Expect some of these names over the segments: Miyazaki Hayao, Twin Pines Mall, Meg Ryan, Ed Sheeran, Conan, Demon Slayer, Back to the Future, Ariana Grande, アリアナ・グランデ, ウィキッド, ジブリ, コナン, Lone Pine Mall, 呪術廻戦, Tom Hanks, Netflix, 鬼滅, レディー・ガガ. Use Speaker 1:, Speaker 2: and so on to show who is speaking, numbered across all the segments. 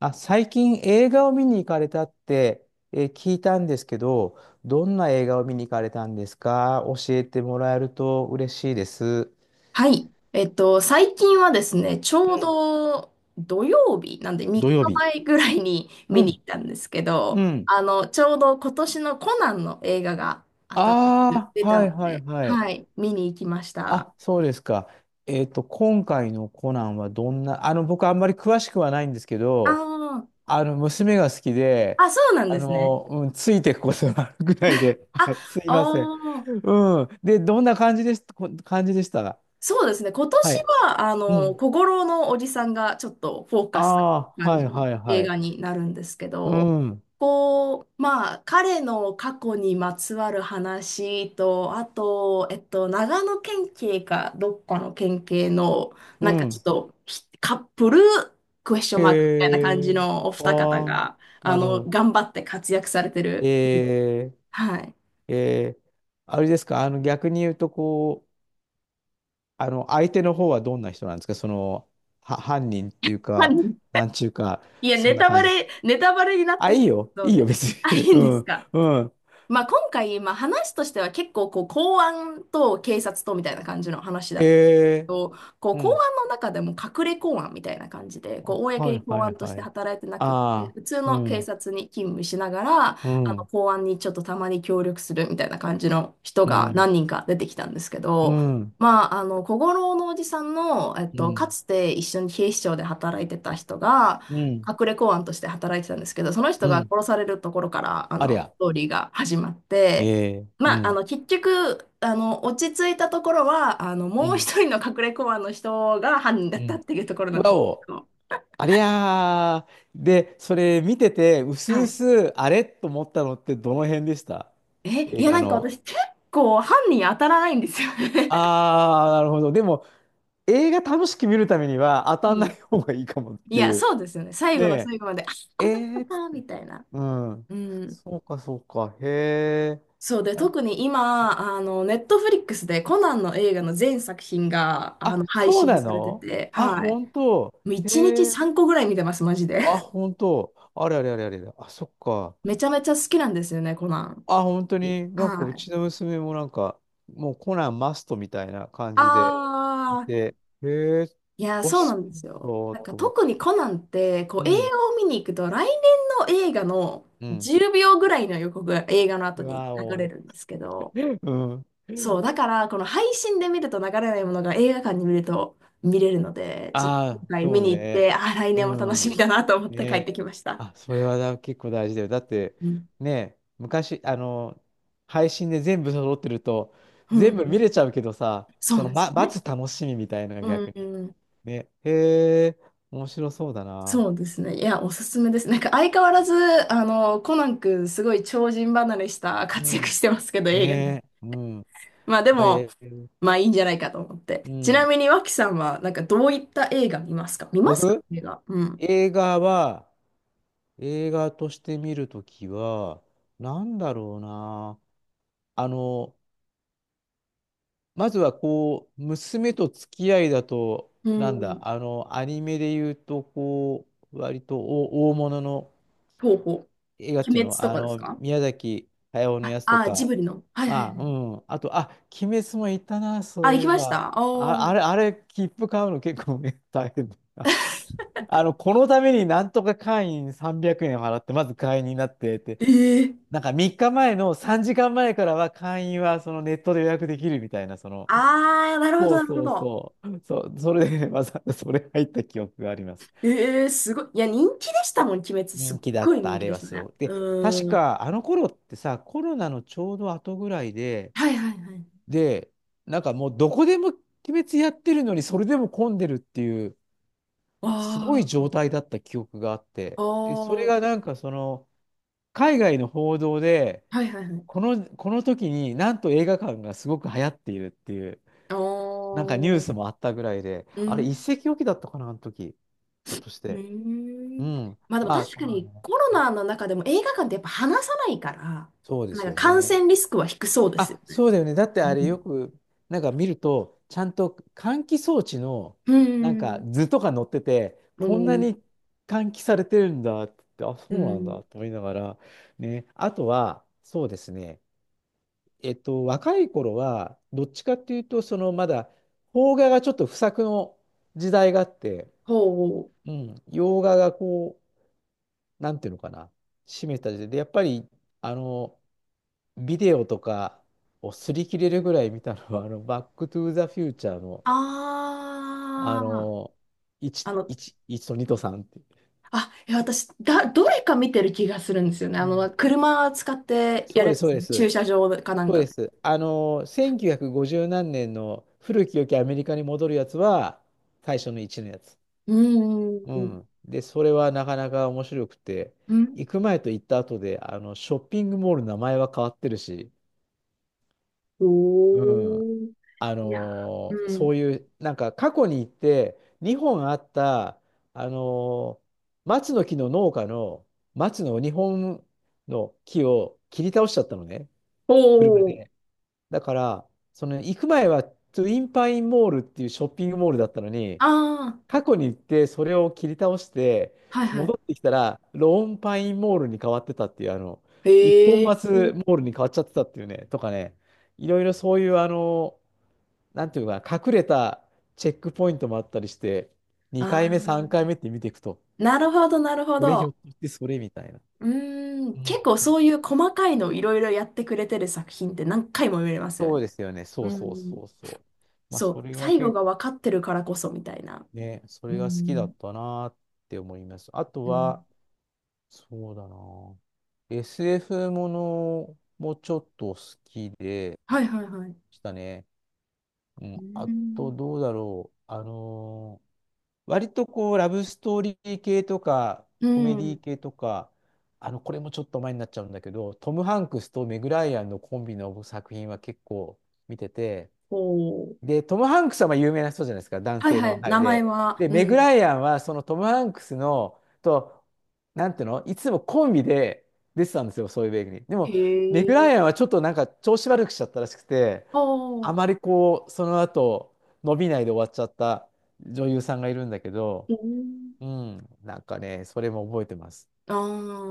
Speaker 1: あ、最近映画を見に行かれたって、聞いたんですけど、どんな映画を見に行かれたんですか？教えてもらえると嬉しいです。
Speaker 2: はい。最近はですね、ち
Speaker 1: う
Speaker 2: ょう
Speaker 1: ん。
Speaker 2: ど土曜日、なんで3
Speaker 1: 土
Speaker 2: 日
Speaker 1: 曜日。
Speaker 2: 前ぐらいに見
Speaker 1: う
Speaker 2: に行っ
Speaker 1: ん、
Speaker 2: たんですけ
Speaker 1: う
Speaker 2: ど、
Speaker 1: ん。
Speaker 2: ちょうど今年のコナンの映画が新しく
Speaker 1: あ
Speaker 2: 出
Speaker 1: あ、
Speaker 2: た
Speaker 1: は
Speaker 2: の
Speaker 1: いはい
Speaker 2: で、
Speaker 1: はい。
Speaker 2: はい、見に行きました。
Speaker 1: あ、そうですか。今回のコナンはどんな、僕あんまり詳しくはないんですけ
Speaker 2: あ
Speaker 1: ど、
Speaker 2: ー
Speaker 1: 娘が好きで、
Speaker 2: あ、そうなんですね。
Speaker 1: うん、ついていくことがあるぐらいで、
Speaker 2: あ、
Speaker 1: はい、すいません。
Speaker 2: あー
Speaker 1: うん。で、どんな感じでした？
Speaker 2: そうですね。今年
Speaker 1: はい。
Speaker 2: は、
Speaker 1: うん。
Speaker 2: 小五郎のおじさんがちょっとフォーカス
Speaker 1: あ
Speaker 2: な
Speaker 1: あ、
Speaker 2: 感
Speaker 1: は
Speaker 2: じ
Speaker 1: い
Speaker 2: の
Speaker 1: はいは
Speaker 2: 映
Speaker 1: い。
Speaker 2: 画になるんですけ
Speaker 1: う
Speaker 2: ど、
Speaker 1: ん。
Speaker 2: こう、まあ、彼の過去にまつわる話と、あと、長野県警かどっかの県警の、
Speaker 1: う
Speaker 2: なんかちょっ
Speaker 1: ん。
Speaker 2: とひカップルクエスチョン
Speaker 1: へ
Speaker 2: マークみたいな感じ
Speaker 1: え。
Speaker 2: のお
Speaker 1: あ
Speaker 2: 二方
Speaker 1: あ、
Speaker 2: が、
Speaker 1: なるほど。
Speaker 2: 頑張って活躍されてる。
Speaker 1: え
Speaker 2: はい。
Speaker 1: ー、えー、あれですか、逆に言うと、こう、あの相手の方はどんな人なんですか、犯人っていうか、
Speaker 2: 何
Speaker 1: なんちゅうか、
Speaker 2: いや、
Speaker 1: そ
Speaker 2: ネ
Speaker 1: んな
Speaker 2: タ
Speaker 1: 感
Speaker 2: バ
Speaker 1: じです。
Speaker 2: レ、ネタバレになっ
Speaker 1: あ、
Speaker 2: て
Speaker 1: い
Speaker 2: し
Speaker 1: いよ、
Speaker 2: まうの
Speaker 1: いいよ、
Speaker 2: で。
Speaker 1: 別
Speaker 2: あ、
Speaker 1: に。
Speaker 2: い い
Speaker 1: う
Speaker 2: んです
Speaker 1: ん、
Speaker 2: か？
Speaker 1: うん。
Speaker 2: まあ、今回、まあ、話としては結構こう公安と警察とみたいな感じの話だったけ
Speaker 1: へえ、
Speaker 2: ど、こう
Speaker 1: う
Speaker 2: 公
Speaker 1: ん。
Speaker 2: 安の中でも隠れ公安みたいな感じでこう公
Speaker 1: はい
Speaker 2: に
Speaker 1: は
Speaker 2: 公
Speaker 1: い
Speaker 2: 安とし
Speaker 1: は
Speaker 2: て
Speaker 1: い。
Speaker 2: 働いてなくって、
Speaker 1: ああ、
Speaker 2: 普通
Speaker 1: う
Speaker 2: の警
Speaker 1: ん、
Speaker 2: 察に勤務しながら、あ
Speaker 1: う
Speaker 2: の
Speaker 1: ん、
Speaker 2: 公安にちょっとたまに協力するみたいな感じの人
Speaker 1: う
Speaker 2: が
Speaker 1: ん、
Speaker 2: 何人か出てきたんですけ
Speaker 1: う
Speaker 2: ど。
Speaker 1: ん、
Speaker 2: まあ、小五郎のおじさんの、
Speaker 1: う
Speaker 2: か
Speaker 1: ん、
Speaker 2: つて一緒に警視庁で働いてた人が、
Speaker 1: うん。
Speaker 2: 隠れ公安として働いてたんですけど、その人
Speaker 1: う
Speaker 2: が
Speaker 1: ん。
Speaker 2: 殺されるところから、
Speaker 1: あり
Speaker 2: ス
Speaker 1: ゃ。
Speaker 2: トーリーが始まっ
Speaker 1: え
Speaker 2: て、
Speaker 1: え、う
Speaker 2: まあ、
Speaker 1: ん。
Speaker 2: 結局、落ち着いたところは、
Speaker 1: う
Speaker 2: もう
Speaker 1: ん。
Speaker 2: 一人の隠れ公安の人が犯人だ
Speaker 1: う
Speaker 2: ったっ
Speaker 1: ん。
Speaker 2: ていうところ
Speaker 1: う
Speaker 2: なん
Speaker 1: わ
Speaker 2: です
Speaker 1: お。
Speaker 2: けど、
Speaker 1: ありゃー。で、それ見てて、うす
Speaker 2: は
Speaker 1: う
Speaker 2: い。
Speaker 1: す、あれと思ったのってどの辺でした？
Speaker 2: い
Speaker 1: 映
Speaker 2: や、
Speaker 1: 画
Speaker 2: なんか
Speaker 1: の。
Speaker 2: 私、結構犯人当たらないんですよね。
Speaker 1: あー、なるほど。でも、映画楽しく見るためには当 たん
Speaker 2: う
Speaker 1: な
Speaker 2: ん。
Speaker 1: い方がいいかもっ
Speaker 2: い
Speaker 1: て
Speaker 2: や、
Speaker 1: いう。
Speaker 2: そうですよね。最後の
Speaker 1: で、
Speaker 2: 最後まで、あ、
Speaker 1: え
Speaker 2: この人
Speaker 1: ーっつっ
Speaker 2: か、
Speaker 1: て。
Speaker 2: みたいな。
Speaker 1: うん。
Speaker 2: うん。
Speaker 1: そうか、そうか。へえ。
Speaker 2: そうで、
Speaker 1: あ、
Speaker 2: 特に今、ネットフリックスでコナンの映画の全作品が、
Speaker 1: あ、
Speaker 2: 配
Speaker 1: そう
Speaker 2: 信
Speaker 1: な
Speaker 2: されて
Speaker 1: の？
Speaker 2: て、
Speaker 1: あ、
Speaker 2: はい。
Speaker 1: 本当。
Speaker 2: もう1日
Speaker 1: へえ。
Speaker 2: 3個ぐらい見てます、マジで。
Speaker 1: あ、本当。あれあれあれあれ。あ、そっか。
Speaker 2: めちゃめちゃ好きなんですよね、コナン。
Speaker 1: あ、本当に、なんかう
Speaker 2: はい。
Speaker 1: ちの娘もなんか、もうコナンマストみたいな感じでい
Speaker 2: あー、
Speaker 1: て、へえ、
Speaker 2: いや、
Speaker 1: お好
Speaker 2: そう
Speaker 1: き
Speaker 2: なんで
Speaker 1: なん
Speaker 2: すよ。
Speaker 1: だ
Speaker 2: なんか
Speaker 1: と思っ
Speaker 2: 特
Speaker 1: て。
Speaker 2: にコナンって、こ
Speaker 1: う
Speaker 2: う映
Speaker 1: ん、
Speaker 2: 画を見に行くと、来年の映画の
Speaker 1: うん。
Speaker 2: 10秒ぐらいの予告が映画の後
Speaker 1: わ
Speaker 2: に流れ
Speaker 1: お。
Speaker 2: るんですけど、
Speaker 1: う
Speaker 2: そう、
Speaker 1: ん。
Speaker 2: だ からこの配信で見ると流れないものが映画館に見ると見れるので、ちょっと
Speaker 1: あ
Speaker 2: 今
Speaker 1: あ、
Speaker 2: 回見
Speaker 1: そう
Speaker 2: に行っ
Speaker 1: ね。
Speaker 2: て、ああ来年
Speaker 1: う
Speaker 2: も楽しみ
Speaker 1: ん。
Speaker 2: だなと思って帰っ
Speaker 1: ね。
Speaker 2: てきました。
Speaker 1: あ、それは結構大事だよ。だって、
Speaker 2: うん。
Speaker 1: ね、昔、配信で全部揃ってると、
Speaker 2: う
Speaker 1: 全部見
Speaker 2: ん。
Speaker 1: れちゃうけどさ、
Speaker 2: そうなんですよね。
Speaker 1: 待つ楽しみみたいなのが
Speaker 2: う
Speaker 1: 逆に。
Speaker 2: ん。
Speaker 1: ね。へえ、面白そうだな。
Speaker 2: そうですね。いや、おすすめです。なんか相変わらず、コナン君、すごい超人離れした
Speaker 1: う
Speaker 2: 活躍
Speaker 1: ん。
Speaker 2: してますけど、映画に。
Speaker 1: ねえ。うん。
Speaker 2: まあで
Speaker 1: あ
Speaker 2: も、
Speaker 1: れ、
Speaker 2: まあいいんじゃないかと思って。
Speaker 1: う
Speaker 2: ちな
Speaker 1: ん。
Speaker 2: みに、脇さんは、なんかどういった映画見ますか、
Speaker 1: 僕、
Speaker 2: 映画？うん。
Speaker 1: 映画は、映画として見るときは、なんだろうな。あの、まずはこう、娘と付き合いだと、
Speaker 2: う
Speaker 1: なんだ、
Speaker 2: ん。
Speaker 1: アニメで言うと、こう、割と大物の
Speaker 2: ほうほ
Speaker 1: 映画っ
Speaker 2: う。鬼
Speaker 1: ていう
Speaker 2: 滅
Speaker 1: の、
Speaker 2: とかですか？
Speaker 1: 宮崎駿の
Speaker 2: あ、
Speaker 1: やつと
Speaker 2: ジ
Speaker 1: か、
Speaker 2: ブリの。はいはいは
Speaker 1: まあ、
Speaker 2: い。
Speaker 1: うん。あと、あ、鬼滅もいたな、そ
Speaker 2: あ、
Speaker 1: う
Speaker 2: 行
Speaker 1: い
Speaker 2: き
Speaker 1: え
Speaker 2: まし
Speaker 1: ば。
Speaker 2: たああ
Speaker 1: あ、あ
Speaker 2: ー。
Speaker 1: れ、あれ、切符買うの結構ね、大変だ。このためになんとか会員300円払って、まず会員になってって、
Speaker 2: ええ
Speaker 1: なんか3日前の3時間前からは会員はそのネットで予約できるみたいな、
Speaker 2: ああ、なるほ
Speaker 1: そ
Speaker 2: ど、
Speaker 1: う
Speaker 2: なるほ
Speaker 1: そう
Speaker 2: ど。
Speaker 1: そう、そう、それでわざわざ それ入った記憶があります。
Speaker 2: ええすごい。いや、人気でしたもん、鬼滅。す
Speaker 1: 人
Speaker 2: っ
Speaker 1: 気だ
Speaker 2: ごい
Speaker 1: った、
Speaker 2: 人
Speaker 1: あ
Speaker 2: 気
Speaker 1: れ
Speaker 2: でし
Speaker 1: は
Speaker 2: た
Speaker 1: す
Speaker 2: ね。
Speaker 1: ごい。で、確
Speaker 2: うーん。
Speaker 1: かあの頃ってさ、コロナのちょうど後ぐらいで、
Speaker 2: はいはいはい。
Speaker 1: で、なんかもうどこでも鬼滅やってるのに、それでも混んでるっていう、
Speaker 2: わ
Speaker 1: すごい
Speaker 2: あ。
Speaker 1: 状態だった記憶があって、
Speaker 2: あ
Speaker 1: で、そ
Speaker 2: あ、
Speaker 1: れ
Speaker 2: は
Speaker 1: が
Speaker 2: い
Speaker 1: なんか海外の報道で、
Speaker 2: はいはい。
Speaker 1: この時になんと映画館がすごく流行っているっていう、
Speaker 2: ああ、
Speaker 1: なんかニュー
Speaker 2: う
Speaker 1: スもあったぐらいで、あれ一
Speaker 2: ん、
Speaker 1: 石置きだったかな、あの時。ひょっとし
Speaker 2: う
Speaker 1: て。う
Speaker 2: ん。
Speaker 1: ん。
Speaker 2: まあでも
Speaker 1: まあ、
Speaker 2: 確
Speaker 1: そん
Speaker 2: か
Speaker 1: なの
Speaker 2: に
Speaker 1: ね。
Speaker 2: コロナの中でも映画館ってやっぱ話さないから、
Speaker 1: そうです
Speaker 2: なんか
Speaker 1: よ
Speaker 2: 感
Speaker 1: ね。
Speaker 2: 染リスクは低そうですよ
Speaker 1: あ、
Speaker 2: ね。
Speaker 1: そうだよね。だってあ
Speaker 2: う
Speaker 1: れ
Speaker 2: ん。
Speaker 1: よく、なんか見ると、ちゃんと換気装置の、
Speaker 2: う
Speaker 1: なんか
Speaker 2: ん。
Speaker 1: 図とか載ってて、
Speaker 2: う
Speaker 1: こんな
Speaker 2: ん。
Speaker 1: に換気されてるんだって、あ、そ
Speaker 2: う
Speaker 1: うなん
Speaker 2: ん
Speaker 1: だと思いながら、ね。あとは、そうですね。若い頃は、どっちかっていうと、まだ、邦画がちょっと不作の時代があって、
Speaker 2: ほう。
Speaker 1: うん、洋画がこう、なんていうのかな、占めた時代で、やっぱり、あの、ビデオとかを擦り切れるぐらい見たのは、バックトゥーザフューチャーの、あ
Speaker 2: ああ、
Speaker 1: の、1、1、1と2と3っていう。
Speaker 2: あ、いや私、どれか見てる気がするんですよね。
Speaker 1: うん
Speaker 2: 車使って
Speaker 1: そ
Speaker 2: やる
Speaker 1: う
Speaker 2: や
Speaker 1: で
Speaker 2: つ
Speaker 1: す、
Speaker 2: で
Speaker 1: そ
Speaker 2: す
Speaker 1: う
Speaker 2: よ
Speaker 1: で
Speaker 2: ね。駐
Speaker 1: す。
Speaker 2: 車場かなん
Speaker 1: そう
Speaker 2: か
Speaker 1: で
Speaker 2: で。
Speaker 1: す。1950何年の古き良きアメリカに戻るやつは、最初の1のやつ。
Speaker 2: う
Speaker 1: う
Speaker 2: ん。
Speaker 1: ん。で、それはなかなか面白くて、
Speaker 2: うん。
Speaker 1: 行く前と行った後で、ショッピングモールの名前は変わってるし、うん。
Speaker 2: おー。いや、う
Speaker 1: そ
Speaker 2: ん。
Speaker 1: ういう、なんか過去に行って、日本あった、あのー松の木の農家の松の日本の木を切り倒しちゃったのね、
Speaker 2: お
Speaker 1: 車
Speaker 2: ー
Speaker 1: で。だから、その行く前はトゥインパインモールっていうショッピングモールだったのに、
Speaker 2: ああ、
Speaker 1: 過去に行ってそれを切り倒して
Speaker 2: はいは
Speaker 1: 戻ってきたらローンパインモールに変わってたっていう、あの
Speaker 2: い。
Speaker 1: 一本
Speaker 2: へ
Speaker 1: 松
Speaker 2: え。
Speaker 1: モールに変わっちゃってたっていうね、とかね、いろいろそういう、なんていうか、隠れたチェックポイントもあったりして、2
Speaker 2: あ
Speaker 1: 回目3
Speaker 2: あ、
Speaker 1: 回目って見ていくと、
Speaker 2: なるほど、なるほ
Speaker 1: これひょ
Speaker 2: ど。
Speaker 1: っとしてそれみたいな、
Speaker 2: うー
Speaker 1: う
Speaker 2: ん、結構
Speaker 1: ん、
Speaker 2: そういう細かいのをいろいろやってくれてる作品って何回も見れますよ
Speaker 1: そ
Speaker 2: ね。
Speaker 1: うですよね。そ
Speaker 2: う
Speaker 1: うそう
Speaker 2: ん、
Speaker 1: そうそう。まあ
Speaker 2: そ
Speaker 1: そ
Speaker 2: う、
Speaker 1: れが
Speaker 2: 最後
Speaker 1: 結
Speaker 2: が
Speaker 1: 構
Speaker 2: 分かってるからこそみたいな。
Speaker 1: ね、そ
Speaker 2: う
Speaker 1: れが好きだ
Speaker 2: ん、
Speaker 1: ったなって思います。あと
Speaker 2: うん、
Speaker 1: は、そうだな。SF ものもちょっと好きで
Speaker 2: はいはいはい。
Speaker 1: したね。う
Speaker 2: う
Speaker 1: ん、あと、
Speaker 2: ん、
Speaker 1: どうだろう。割とこう、ラブストーリー系とか、
Speaker 2: う
Speaker 1: コメディ
Speaker 2: ん、
Speaker 1: 系とか、これもちょっと前になっちゃうんだけど、トム・ハンクスとメグ・ライアンのコンビの作品は結構見てて、
Speaker 2: おー、
Speaker 1: で、トム・ハンクスはまあ有名な人じゃないですか、男
Speaker 2: はい
Speaker 1: 性
Speaker 2: は
Speaker 1: の
Speaker 2: い、
Speaker 1: 俳
Speaker 2: 名
Speaker 1: 優
Speaker 2: 前
Speaker 1: で。
Speaker 2: は、
Speaker 1: で、
Speaker 2: う
Speaker 1: メグ・
Speaker 2: ん。
Speaker 1: ライアンはそのトム・ハンクスのと、なんていうの、いつもコンビで出てたんですよ、そういう映画に。で
Speaker 2: へ
Speaker 1: も、メグ・
Speaker 2: え。
Speaker 1: ライアンはちょっとなんか調子悪くしちゃったらしくて、あ
Speaker 2: お
Speaker 1: ま
Speaker 2: ー、
Speaker 1: りこう、その後、伸びないで終わっちゃった女優さんがいるんだけど、
Speaker 2: うん
Speaker 1: うん、なんかね、それも覚えてます。
Speaker 2: あ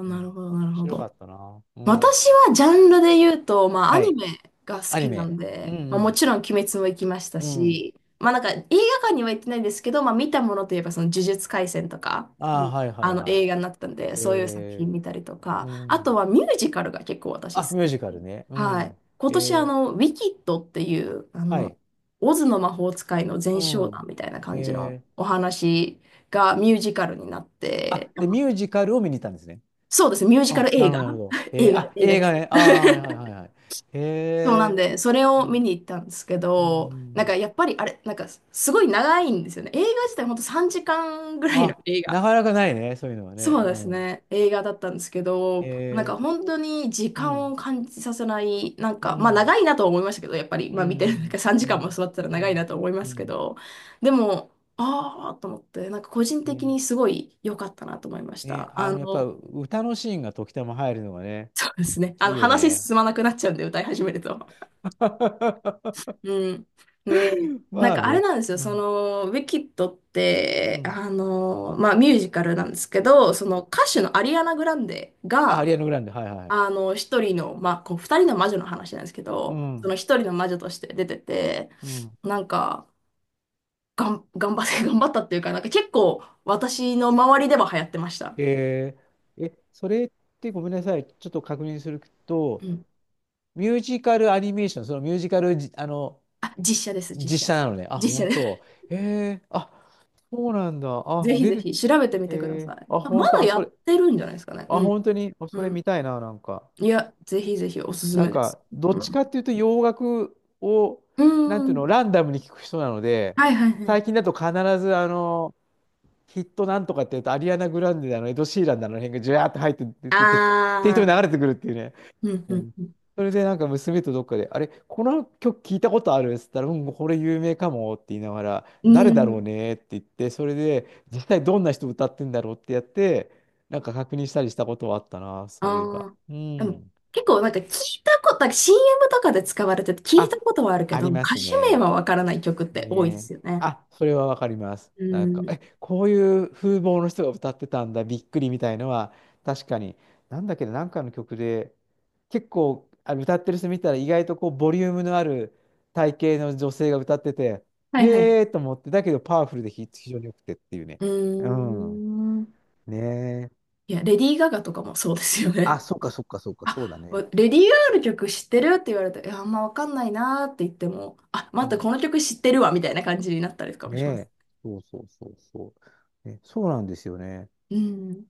Speaker 2: あ、
Speaker 1: うん、
Speaker 2: な
Speaker 1: 面
Speaker 2: るほど、なるほ
Speaker 1: 白か
Speaker 2: ど。
Speaker 1: ったな。うん。
Speaker 2: 私はジャンルで言うと、まあ、ア
Speaker 1: は
Speaker 2: ニ
Speaker 1: い。
Speaker 2: メが好
Speaker 1: アニ
Speaker 2: きな
Speaker 1: メ。
Speaker 2: ん
Speaker 1: う
Speaker 2: で、まあ、も
Speaker 1: ん、
Speaker 2: ちろん「鬼滅」も行きました
Speaker 1: うん。うん。
Speaker 2: し、まあ、なんか映画館には行ってないんですけど、まあ、見たものといえば、その「呪術廻戦」とか、う
Speaker 1: あ
Speaker 2: ん
Speaker 1: あ、はいはい
Speaker 2: あの
Speaker 1: はい。
Speaker 2: 映画になったんで、そういう作
Speaker 1: え
Speaker 2: 品見たりと
Speaker 1: ー、う
Speaker 2: か、あと
Speaker 1: ん。
Speaker 2: はミュージカルが結構私
Speaker 1: あ、
Speaker 2: 好
Speaker 1: ミュー
Speaker 2: き。
Speaker 1: ジカルね。う
Speaker 2: はい。
Speaker 1: ん。
Speaker 2: 今年、
Speaker 1: えー、
Speaker 2: ウィキッドっていう、
Speaker 1: はい。
Speaker 2: オズの魔法使いの前
Speaker 1: う
Speaker 2: 哨団
Speaker 1: ん。
Speaker 2: みたいな感じの
Speaker 1: えー、
Speaker 2: お話がミュージカルになって、
Speaker 1: あ、で、ミュージカルを見に行ったんですね。
Speaker 2: そうですね、ミュージカ
Speaker 1: あ、
Speaker 2: ル
Speaker 1: な
Speaker 2: 映
Speaker 1: る
Speaker 2: 画。
Speaker 1: ほど、なるほど。えー、
Speaker 2: 映画、
Speaker 1: あ、
Speaker 2: 映画
Speaker 1: 映
Speaker 2: で
Speaker 1: 画
Speaker 2: す。
Speaker 1: ね。あー、はいはいはいはい。へ
Speaker 2: そうなん
Speaker 1: え、
Speaker 2: で、それ
Speaker 1: う
Speaker 2: を見
Speaker 1: ん。
Speaker 2: に行ったんですけ
Speaker 1: うん、う
Speaker 2: ど、なん
Speaker 1: ん。
Speaker 2: かやっぱりあれ、なんかすごい長いんですよね。映画自体ほんと3時間ぐらいの
Speaker 1: あ、
Speaker 2: 映画。
Speaker 1: なかなかないね、そういうのはね。
Speaker 2: そう
Speaker 1: う
Speaker 2: です
Speaker 1: ん。
Speaker 2: ね、映画だったんですけど、なんか
Speaker 1: え
Speaker 2: 本当に時
Speaker 1: ー、う
Speaker 2: 間を
Speaker 1: ん、
Speaker 2: 感じさせない、なん
Speaker 1: う
Speaker 2: か、まあ
Speaker 1: ん、
Speaker 2: 長いなとは思いましたけど、やっぱり、
Speaker 1: う
Speaker 2: まあ見てる、なんか
Speaker 1: ん、
Speaker 2: 3
Speaker 1: う
Speaker 2: 時間も
Speaker 1: ん、
Speaker 2: 座ってたら
Speaker 1: う
Speaker 2: 長いな
Speaker 1: ん、
Speaker 2: と思いま
Speaker 1: う
Speaker 2: すけど、でも、ああ、と思って、なんか個人的
Speaker 1: ん。ね、
Speaker 2: にすごい良かったなと思いまし
Speaker 1: ね、
Speaker 2: た。
Speaker 1: やっぱ歌のシーンが時たま入るのがね、
Speaker 2: そうですね、あ
Speaker 1: いい
Speaker 2: の
Speaker 1: よ
Speaker 2: 話
Speaker 1: ね。
Speaker 2: 進まなくなっちゃうんで、歌い始めると。うん。ね、な
Speaker 1: ま
Speaker 2: ん
Speaker 1: あ
Speaker 2: かあれ
Speaker 1: ね。
Speaker 2: なんですよ、
Speaker 1: う
Speaker 2: そ
Speaker 1: ん。
Speaker 2: の、ウィキッドっ
Speaker 1: う
Speaker 2: て、
Speaker 1: ん。
Speaker 2: まあ、ミュージカルなんですけど、その歌手のアリアナ・グランデ
Speaker 1: あ、ア
Speaker 2: が、
Speaker 1: リアナ・グランデ、はいはい。
Speaker 2: 一人の、まあ、こう、二人の魔女の話なんですけ
Speaker 1: う
Speaker 2: ど、その
Speaker 1: ん、
Speaker 2: 一人の魔女として出てて、
Speaker 1: うん。
Speaker 2: なんか、頑張って、頑張ったっていうか、なんか結構、私の周りでは流行ってました。
Speaker 1: ええ、それってごめんなさい、ちょっと確認する
Speaker 2: う
Speaker 1: と、
Speaker 2: ん。
Speaker 1: ミュージカルアニメーション、そのミュージカルじ、あの、
Speaker 2: あ、実写です、実
Speaker 1: 実写
Speaker 2: 写。
Speaker 1: なのね。あ、
Speaker 2: 実
Speaker 1: 本
Speaker 2: 写で
Speaker 1: 当。
Speaker 2: す。
Speaker 1: えー、あ、そうなんだ。あ、
Speaker 2: ぜひ
Speaker 1: 出
Speaker 2: ぜ
Speaker 1: て、
Speaker 2: ひ、調べてみ
Speaker 1: え
Speaker 2: てください。
Speaker 1: ー、あ、
Speaker 2: あ
Speaker 1: 本
Speaker 2: ま
Speaker 1: 当、
Speaker 2: だ
Speaker 1: あ、
Speaker 2: や
Speaker 1: そ
Speaker 2: っ
Speaker 1: れ、
Speaker 2: てるんじゃないですかね。
Speaker 1: あ、
Speaker 2: うん。
Speaker 1: 本当に、あ、
Speaker 2: う
Speaker 1: それ
Speaker 2: ん
Speaker 1: 見たいな、なんか。
Speaker 2: いや、ぜひぜひおすす
Speaker 1: なん
Speaker 2: めです。
Speaker 1: か、どっ
Speaker 2: う
Speaker 1: ち
Speaker 2: ん。
Speaker 1: かっていうと洋楽を、
Speaker 2: う
Speaker 1: なんていうの、
Speaker 2: ん。
Speaker 1: ランダムに聞く人なので、
Speaker 2: はいはいは
Speaker 1: 最
Speaker 2: い。
Speaker 1: 近だと必ず、ヒットなんとかって言うと、アリアナ・グランデだの、エド・シーランだの、あの辺がジュワーって入って出
Speaker 2: あ
Speaker 1: て、て適当に流れ
Speaker 2: あ。
Speaker 1: てくるっていうね。
Speaker 2: うん
Speaker 1: う
Speaker 2: うん
Speaker 1: ん。
Speaker 2: うん。
Speaker 1: それでなんか娘とどっかで、あれ、この曲聞いたことあるっつったら、うん、これ有名かもって言いながら、
Speaker 2: う
Speaker 1: 誰だろう
Speaker 2: ん。
Speaker 1: ねって言って、それで実際どんな人歌ってんだろうってやって、なんか確認したりしたことはあったな、
Speaker 2: あ
Speaker 1: そういえば。
Speaker 2: あ。
Speaker 1: う
Speaker 2: でも、
Speaker 1: ん。
Speaker 2: 結構なんか聞いたこと、なんか CM とかで使われてて聞いた
Speaker 1: あ、
Speaker 2: ことはあるけ
Speaker 1: あ
Speaker 2: ど、
Speaker 1: りま
Speaker 2: 歌
Speaker 1: す
Speaker 2: 手名
Speaker 1: ね。
Speaker 2: はわからない曲って多いで
Speaker 1: ねえ。
Speaker 2: すよね。
Speaker 1: あ、それはわかります。
Speaker 2: う
Speaker 1: なんか、
Speaker 2: ん。
Speaker 1: え、こういう風貌の人が歌ってたんだ、びっくりみたいのは、確かに、なんだっけど、なんかの曲で、結構、あ、歌ってる人見たら、意外とこう、ボリュームのある体型の女性が歌ってて、
Speaker 2: はいはい。
Speaker 1: へーと思って、だけどパワフルで非常に良くてっていうね。
Speaker 2: う
Speaker 1: うん。
Speaker 2: ーん。
Speaker 1: ねえ。
Speaker 2: いや、レディー・ガガとかもそうですよ
Speaker 1: あ、
Speaker 2: ね。
Speaker 1: そっかそっかそっ か、そうだ
Speaker 2: あ、わ
Speaker 1: ね。
Speaker 2: レディー・ガガの曲知ってるって言われて、いや、あんまわかんないなーって言っても、あ、
Speaker 1: う
Speaker 2: 待って、
Speaker 1: ん、
Speaker 2: この曲知ってるわ、みたいな感じになったりとかも
Speaker 1: ね
Speaker 2: します。
Speaker 1: え。そうそうそうそう。ね、そうなんですよね。
Speaker 2: うん。